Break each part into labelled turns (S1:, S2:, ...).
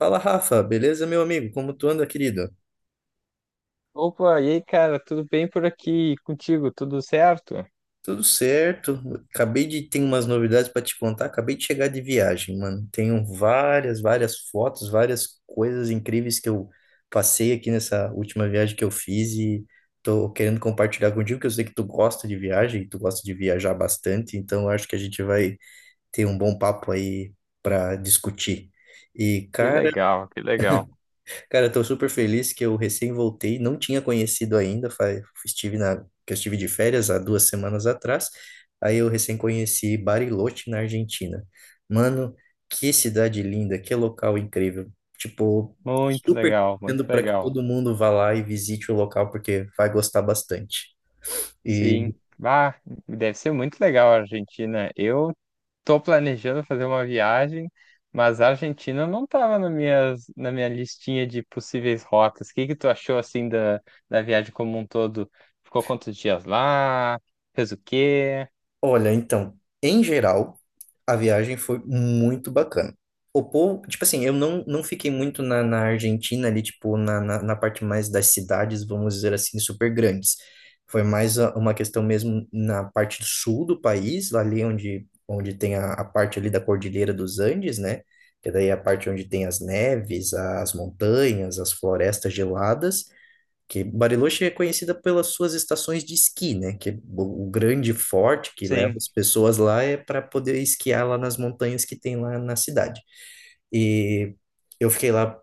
S1: Fala, Rafa, beleza, meu amigo? Como tu anda, querido?
S2: Opa, e aí, cara, tudo bem por aqui. E contigo? Tudo certo?
S1: Tudo certo. Acabei de ter umas novidades pra te contar. Acabei de chegar de viagem, mano. Tenho várias fotos, várias coisas incríveis que eu passei aqui nessa última viagem que eu fiz e tô querendo compartilhar contigo, que eu sei que tu gosta de viagem, tu gosta de viajar bastante, então eu acho que a gente vai ter um bom papo aí pra discutir. E,
S2: Que
S1: cara,
S2: legal, que legal.
S1: Cara, eu tô super feliz que eu recém voltei, não tinha conhecido ainda, que eu estive de férias há 2 semanas atrás, aí eu recém conheci Bariloche, na Argentina. Mano, que cidade linda, que local incrível. Tipo,
S2: Muito
S1: super
S2: legal, muito
S1: recomendo para que
S2: legal.
S1: todo mundo vá lá e visite o local, porque vai gostar bastante.
S2: Sim. Bah, deve ser muito legal a Argentina. Eu tô planejando fazer uma viagem, mas a Argentina não tava na minha listinha de possíveis rotas. O que que tu achou, assim, da viagem como um todo? Ficou quantos dias lá? Fez o quê?
S1: Olha, então, em geral, a viagem foi muito bacana. O povo, tipo assim, eu não fiquei muito na Argentina ali, tipo, na parte mais das cidades, vamos dizer assim, super grandes. Foi mais uma questão mesmo na parte do sul do país, ali onde tem a parte ali da Cordilheira dos Andes, né? Que daí é a parte onde tem as neves, as montanhas, as florestas geladas que Bariloche é conhecida pelas suas estações de esqui, né? Que é o grande forte que leva
S2: Sim,
S1: as pessoas lá é para poder esquiar lá nas montanhas que tem lá na cidade. E eu fiquei lá,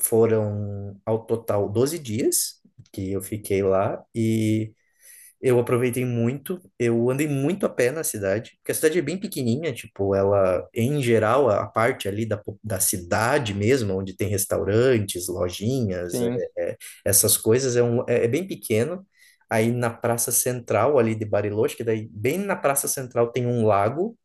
S1: foram ao total 12 dias que eu fiquei lá e eu aproveitei muito, eu andei muito a pé na cidade, porque a cidade é bem pequenininha, tipo, ela, em geral, a parte ali da cidade mesmo, onde tem restaurantes, lojinhas,
S2: sim.
S1: é, é, essas coisas, é bem pequeno. Aí na Praça Central ali de Bariloche, que daí bem na Praça Central tem um lago,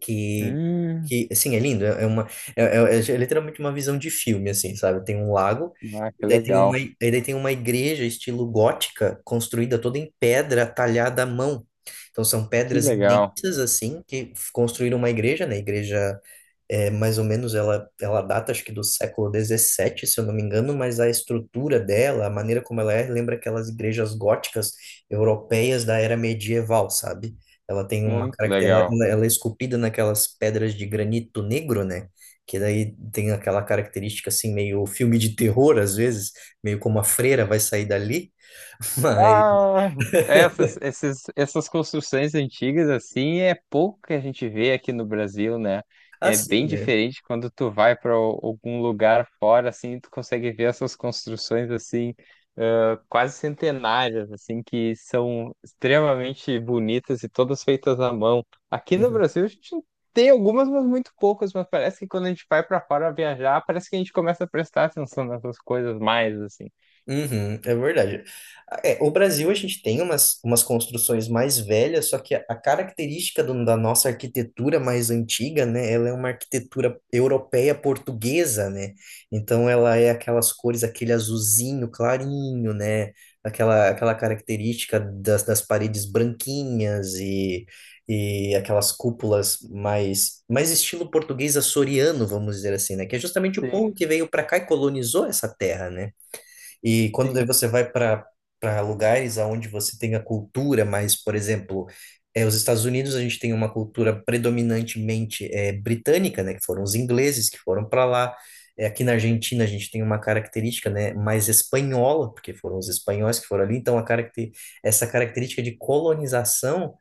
S1: que
S2: Hum.
S1: que assim é lindo, é é uma é, é- é é literalmente uma visão de filme, assim, sabe? Tem um lago,
S2: Ah,
S1: e daí tem uma igreja estilo gótica construída toda em pedra talhada à mão. Então são
S2: que
S1: pedras
S2: legal,
S1: imensas assim que construíram uma igreja, né? Igreja, é, mais ou menos ela, ela data, acho que do século XVII, se eu não me engano, mas a estrutura dela, a maneira como ela é, lembra aquelas igrejas góticas europeias da era medieval, sabe? Ela tem uma
S2: muito
S1: característica,
S2: legal.
S1: ela é esculpida naquelas pedras de granito negro, né? Que daí tem aquela característica assim, meio filme de terror, às vezes, meio como a freira vai sair dali, mas
S2: Ah, essas construções antigas, assim, é pouco que a gente vê aqui no Brasil, né? É bem
S1: assim, né?
S2: diferente quando tu vai para algum lugar fora, assim, tu consegue ver essas construções, assim, ah, quase centenárias, assim, que são extremamente bonitas e todas feitas à mão. Aqui no
S1: Uhum.
S2: Brasil, a gente tem algumas, mas muito poucas, mas parece que quando a gente vai para fora viajar, parece que a gente começa a prestar atenção nessas coisas mais, assim.
S1: Uhum, é verdade. Ah, é, o Brasil, a gente tem umas construções mais velhas, só que a característica da nossa arquitetura mais antiga, né, ela é uma arquitetura europeia portuguesa, né? Então ela é aquelas cores, aquele azulzinho clarinho, né? Aquela característica das paredes branquinhas e aquelas cúpulas mais estilo português açoriano, vamos dizer assim, né? Que é justamente o povo
S2: Sim,
S1: que veio para cá e colonizou essa terra, né? E quando daí
S2: sim.
S1: você vai para lugares aonde você tem a cultura, mas, por exemplo, é, os Estados Unidos, a gente tem uma cultura predominantemente é, britânica, né, que foram os ingleses que foram para lá. É, aqui na Argentina, a gente tem uma característica, né, mais espanhola, porque foram os espanhóis que foram ali. Então, a caracter essa característica de colonização,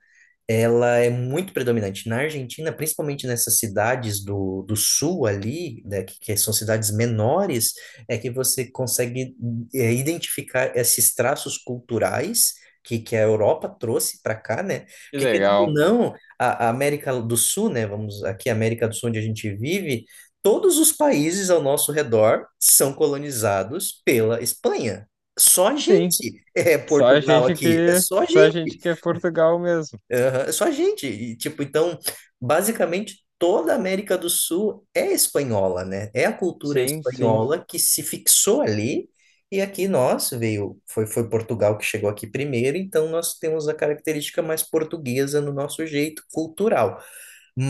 S1: ela é muito predominante. Na Argentina, principalmente nessas cidades do sul ali, né, que são cidades menores, é que você consegue é, identificar esses traços culturais que a Europa trouxe para cá, né?
S2: Que
S1: Porque, querendo ou
S2: legal.
S1: não, a América do Sul, né? Vamos aqui, a América do Sul, onde a gente vive, todos os países ao nosso redor são colonizados pela Espanha. Só a
S2: Sim,
S1: gente é
S2: só a
S1: Portugal
S2: gente
S1: aqui, é
S2: que,
S1: só a
S2: só a
S1: gente.
S2: gente que é Portugal mesmo.
S1: Aham, é só a gente. E, tipo, então, basicamente, toda a América do Sul é espanhola, né? É a cultura
S2: Sim, sim,
S1: espanhola que se fixou ali. E aqui nós veio, foi Portugal que chegou aqui primeiro, então nós temos a característica mais portuguesa no nosso jeito cultural.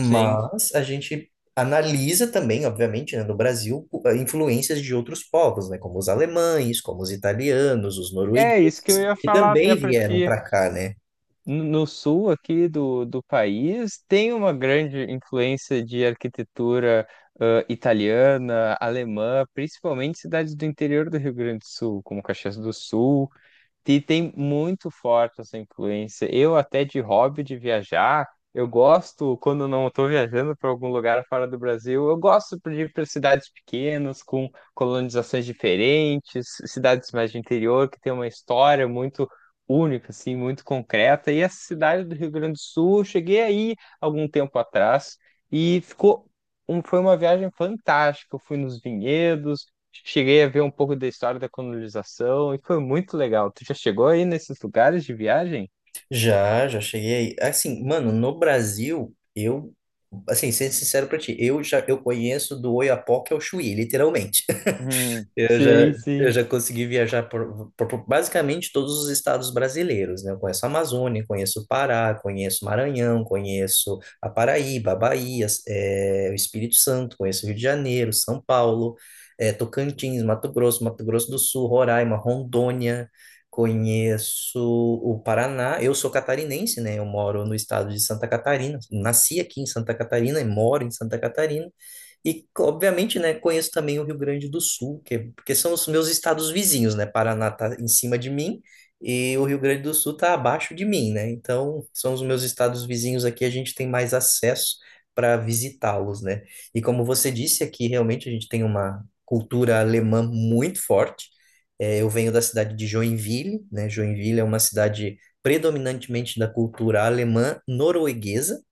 S2: sim.
S1: a gente analisa também, obviamente, né, no Brasil, influências de outros povos, né? Como os alemães, como os italianos, os
S2: É isso que eu
S1: noruegueses,
S2: ia
S1: que
S2: falar até
S1: também
S2: para
S1: vieram
S2: ti.
S1: para cá, né?
S2: No sul aqui do país tem uma grande influência de arquitetura italiana, alemã, principalmente cidades do interior do Rio Grande do Sul, como Caxias do Sul. E tem muito forte essa influência. Eu até de hobby de viajar, eu gosto quando eu não estou viajando para algum lugar fora do Brasil, eu gosto de ir para cidades pequenas com colonizações diferentes, cidades mais de interior que tem uma história muito única, assim, muito concreta. E essa cidade do Rio Grande do Sul, eu cheguei aí algum tempo atrás e foi uma viagem fantástica. Eu fui nos vinhedos, cheguei a ver um pouco da história da colonização e foi muito legal. Tu já chegou aí nesses lugares de viagem?
S1: Já, já cheguei aí. Assim, mano, no Brasil, eu, assim, sendo sincero pra ti, eu conheço do Oiapoque ao Chuí, literalmente.
S2: Hum.
S1: Eu já,
S2: Sim,
S1: eu
S2: sim,
S1: já consegui viajar por basicamente todos os estados brasileiros, né? Eu conheço a Amazônia, conheço o Pará, conheço o Maranhão, conheço a Paraíba, a Bahia, o Espírito Santo, conheço o Rio de Janeiro, São Paulo, Tocantins, Mato Grosso, Mato Grosso do Sul, Roraima, Rondônia, conheço o Paraná. Eu sou catarinense, né? Eu moro no estado de Santa Catarina, nasci aqui em Santa Catarina e moro em Santa Catarina. E, obviamente, né, conheço também o Rio Grande do Sul, que, porque são os meus estados vizinhos, né? Paraná tá em cima de mim e o Rio Grande do Sul tá abaixo de mim, né? Então, são os meus estados vizinhos aqui, a gente tem mais acesso para visitá-los, né? E como você disse aqui, realmente a gente tem uma cultura alemã muito forte. É, eu venho da cidade de Joinville, né? Joinville é uma cidade predominantemente da cultura alemã norueguesa,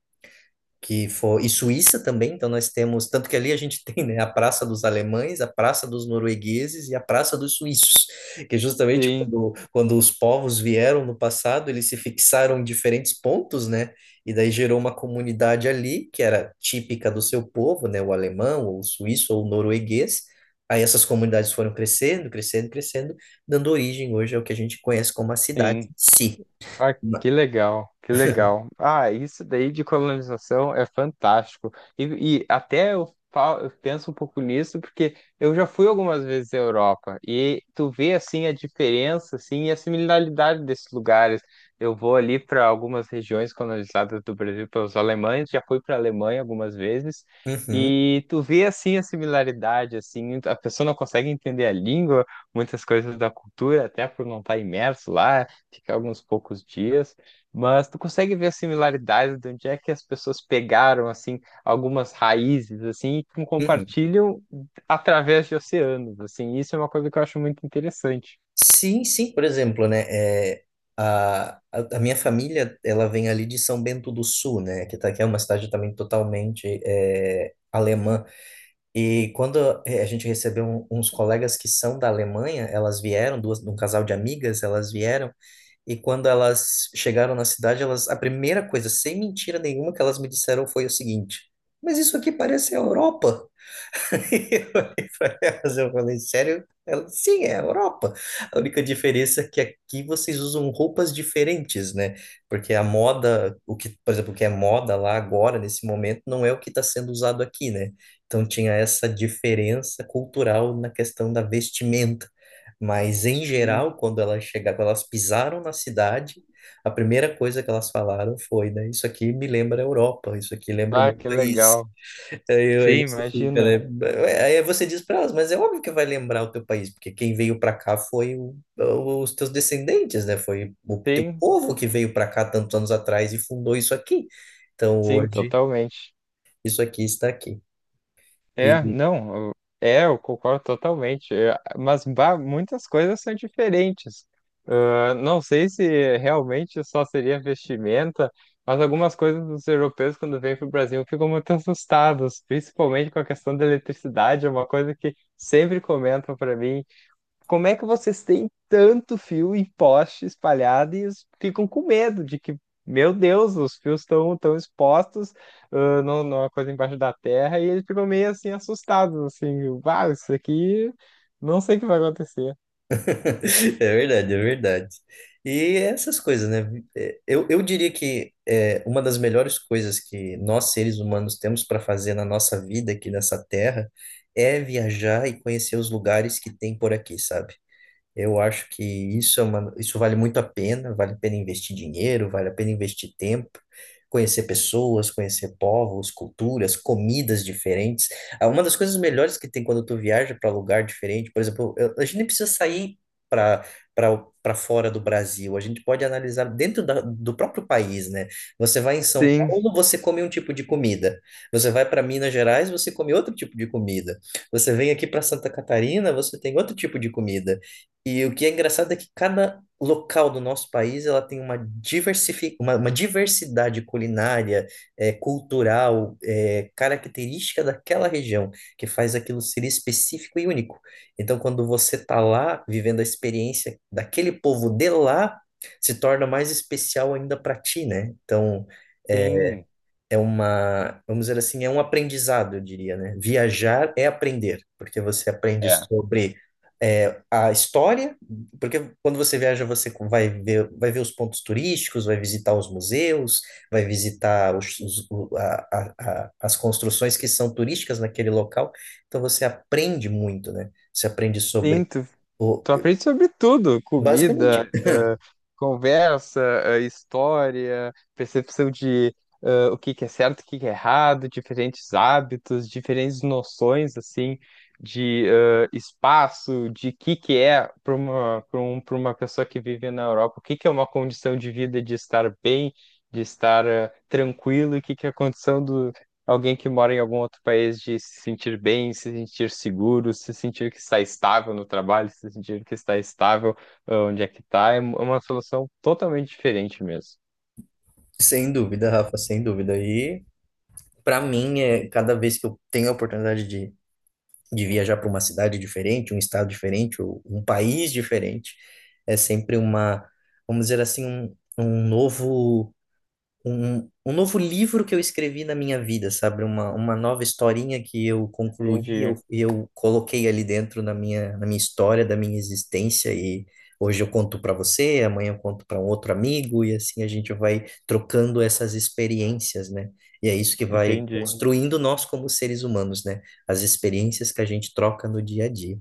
S1: que foi e Suíça também, então nós temos, tanto que ali a gente tem, né, a Praça dos Alemães, a Praça dos Noruegueses e a Praça dos Suíços, que é justamente
S2: sim,
S1: quando os povos vieram no passado, eles se fixaram em diferentes pontos, né, e daí gerou uma comunidade ali que era típica do seu povo, né, o alemão, ou o suíço, ou o norueguês, aí essas comunidades foram crescendo, dando origem hoje ao que a gente conhece como a cidade
S2: sim.
S1: em si.
S2: Ah, que legal, que legal. Ah, isso daí de colonização é fantástico. E até eu, falo, eu penso um pouco nisso, porque eu já fui algumas vezes à Europa e tu vê assim a diferença assim, e a similaridade desses lugares. Eu vou ali para algumas regiões colonizadas do Brasil pelos alemães, já fui para a Alemanha algumas vezes.
S1: Uhum,
S2: E tu vê assim a similaridade, assim, a pessoa não consegue entender a língua, muitas coisas da cultura, até por não estar imerso lá, ficar alguns poucos dias, mas tu consegue ver as similaridades de onde é que as pessoas pegaram assim algumas raízes assim e
S1: uhum.
S2: compartilham através de oceanos, assim. Isso é uma coisa que eu acho muito interessante.
S1: Sim, sim, por exemplo, né, é, a minha família, ela vem ali de São Bento do Sul, né, que é uma cidade também totalmente é, alemã, e quando é, a gente recebeu uns colegas que são da Alemanha, elas vieram, duas, um casal de amigas, elas vieram, e quando elas chegaram na cidade, elas, a primeira coisa, sem mentira nenhuma, que elas me disseram foi o seguinte, mas isso aqui parece a Europa. Eu olhei pra elas, eu falei, sério? Ela, sim, é a Europa. A única diferença é que aqui vocês usam roupas diferentes, né? Porque a moda, o que, por exemplo, o que é moda lá agora, nesse momento, não é o que está sendo usado aqui, né? Então tinha essa diferença cultural na questão da vestimenta. Mas em
S2: Sim.
S1: geral, quando elas chegaram, quando elas pisaram na cidade, a primeira coisa que elas falaram foi, né? Isso aqui me lembra a Europa, isso aqui lembra o
S2: Ah,
S1: meu
S2: que
S1: país.
S2: legal.
S1: Aí, aí
S2: Sim,
S1: você fica,
S2: imagina.
S1: né? É, aí você diz para elas, mas é óbvio que vai lembrar o teu país, porque quem veio para cá foi os teus descendentes, né? Foi o teu
S2: Sim,
S1: povo que veio para cá tantos anos atrás e fundou isso aqui. Então
S2: sim,
S1: hoje
S2: totalmente.
S1: isso aqui está aqui.
S2: É,
S1: E-
S2: não, eu- é, eu concordo totalmente. Mas bah, muitas coisas são diferentes. Ah, não sei se realmente só seria vestimenta, mas algumas coisas dos europeus, quando vêm para o Brasil, ficam muito assustados, principalmente com a questão da eletricidade. É uma coisa que sempre comentam para mim. Como é que vocês têm tanto fio e poste espalhado e ficam com medo de que, meu Deus, os fios estão tão expostos, ah, numa coisa embaixo da terra, e eles ficam meio assim assustados, assim, uau, isso aqui não sei o que vai acontecer.
S1: É verdade, é verdade. E essas coisas, né? É, eu diria que é, uma das melhores coisas que nós, seres humanos, temos para fazer na nossa vida aqui nessa terra é viajar e conhecer os lugares que tem por aqui, sabe? Eu acho que isso é uma, isso vale muito a pena, vale a pena investir dinheiro, vale a pena investir tempo, conhecer pessoas, conhecer povos, culturas, comidas diferentes. Ah, uma das coisas melhores que tem quando tu viaja para lugar diferente, por exemplo, a gente nem precisa sair para para fora do Brasil, a gente pode analisar dentro da, do próprio país, né? Você vai em São
S2: Sim,
S1: Paulo, você come um tipo de comida. Você vai para Minas Gerais, você come outro tipo de comida. Você vem aqui para Santa Catarina, você tem outro tipo de comida. E o que é engraçado é que cada local do nosso país ela tem uma, uma diversidade culinária, cultural, característica daquela região, que faz aquilo ser específico e único. Então, quando você está lá vivendo a experiência daquele povo de lá, se torna mais especial ainda para ti, né? Então,
S2: sim.
S1: é uma, vamos dizer assim, é um aprendizado, eu diria, né? Viajar é aprender, porque você aprende
S2: É.
S1: sobre é, a história, porque quando você viaja, você vai ver os pontos turísticos, vai visitar os museus, vai visitar as construções que são turísticas naquele local, então você aprende muito, né? Você aprende
S2: Sim,
S1: sobre
S2: tu
S1: o,
S2: Tu aprende sobre tudo,
S1: basicamente,
S2: comida, conversa, história, percepção de o que que é certo, o que que é errado, diferentes hábitos, diferentes noções assim de espaço, de que é para uma para uma pessoa que vive na Europa, o que que é uma condição de vida de estar bem, de estar tranquilo, e o que que é a condição do alguém que mora em algum outro país de se sentir bem, se sentir seguro, se sentir que está estável no trabalho, se sentir que está estável, ah, onde é que está, é uma solução totalmente diferente mesmo.
S1: sem dúvida, Rafa, sem dúvida. E para mim, é, cada vez que eu tenho a oportunidade de viajar para uma cidade diferente, um estado diferente, ou um país diferente, é sempre uma, vamos dizer assim, um novo livro que eu escrevi na minha vida, sabe? Uma nova historinha que eu concluí,
S2: Entendi,
S1: eu coloquei ali dentro na minha história, da minha existência, e hoje eu conto para você, amanhã eu conto para um outro amigo, e assim a gente vai trocando essas experiências, né? E é isso que vai
S2: entendi.
S1: construindo nós como seres humanos, né? As experiências que a gente troca no dia a dia.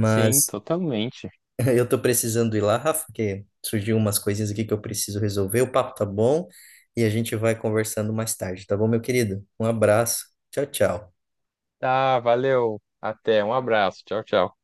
S2: Sim, totalmente.
S1: Eu tô precisando ir lá, Rafa, que surgiu umas coisinhas aqui que eu preciso resolver. O papo tá bom e a gente vai conversando mais tarde, tá bom, meu querido? Um abraço. Tchau, tchau.
S2: Tá, valeu. Até, um abraço. Tchau, tchau.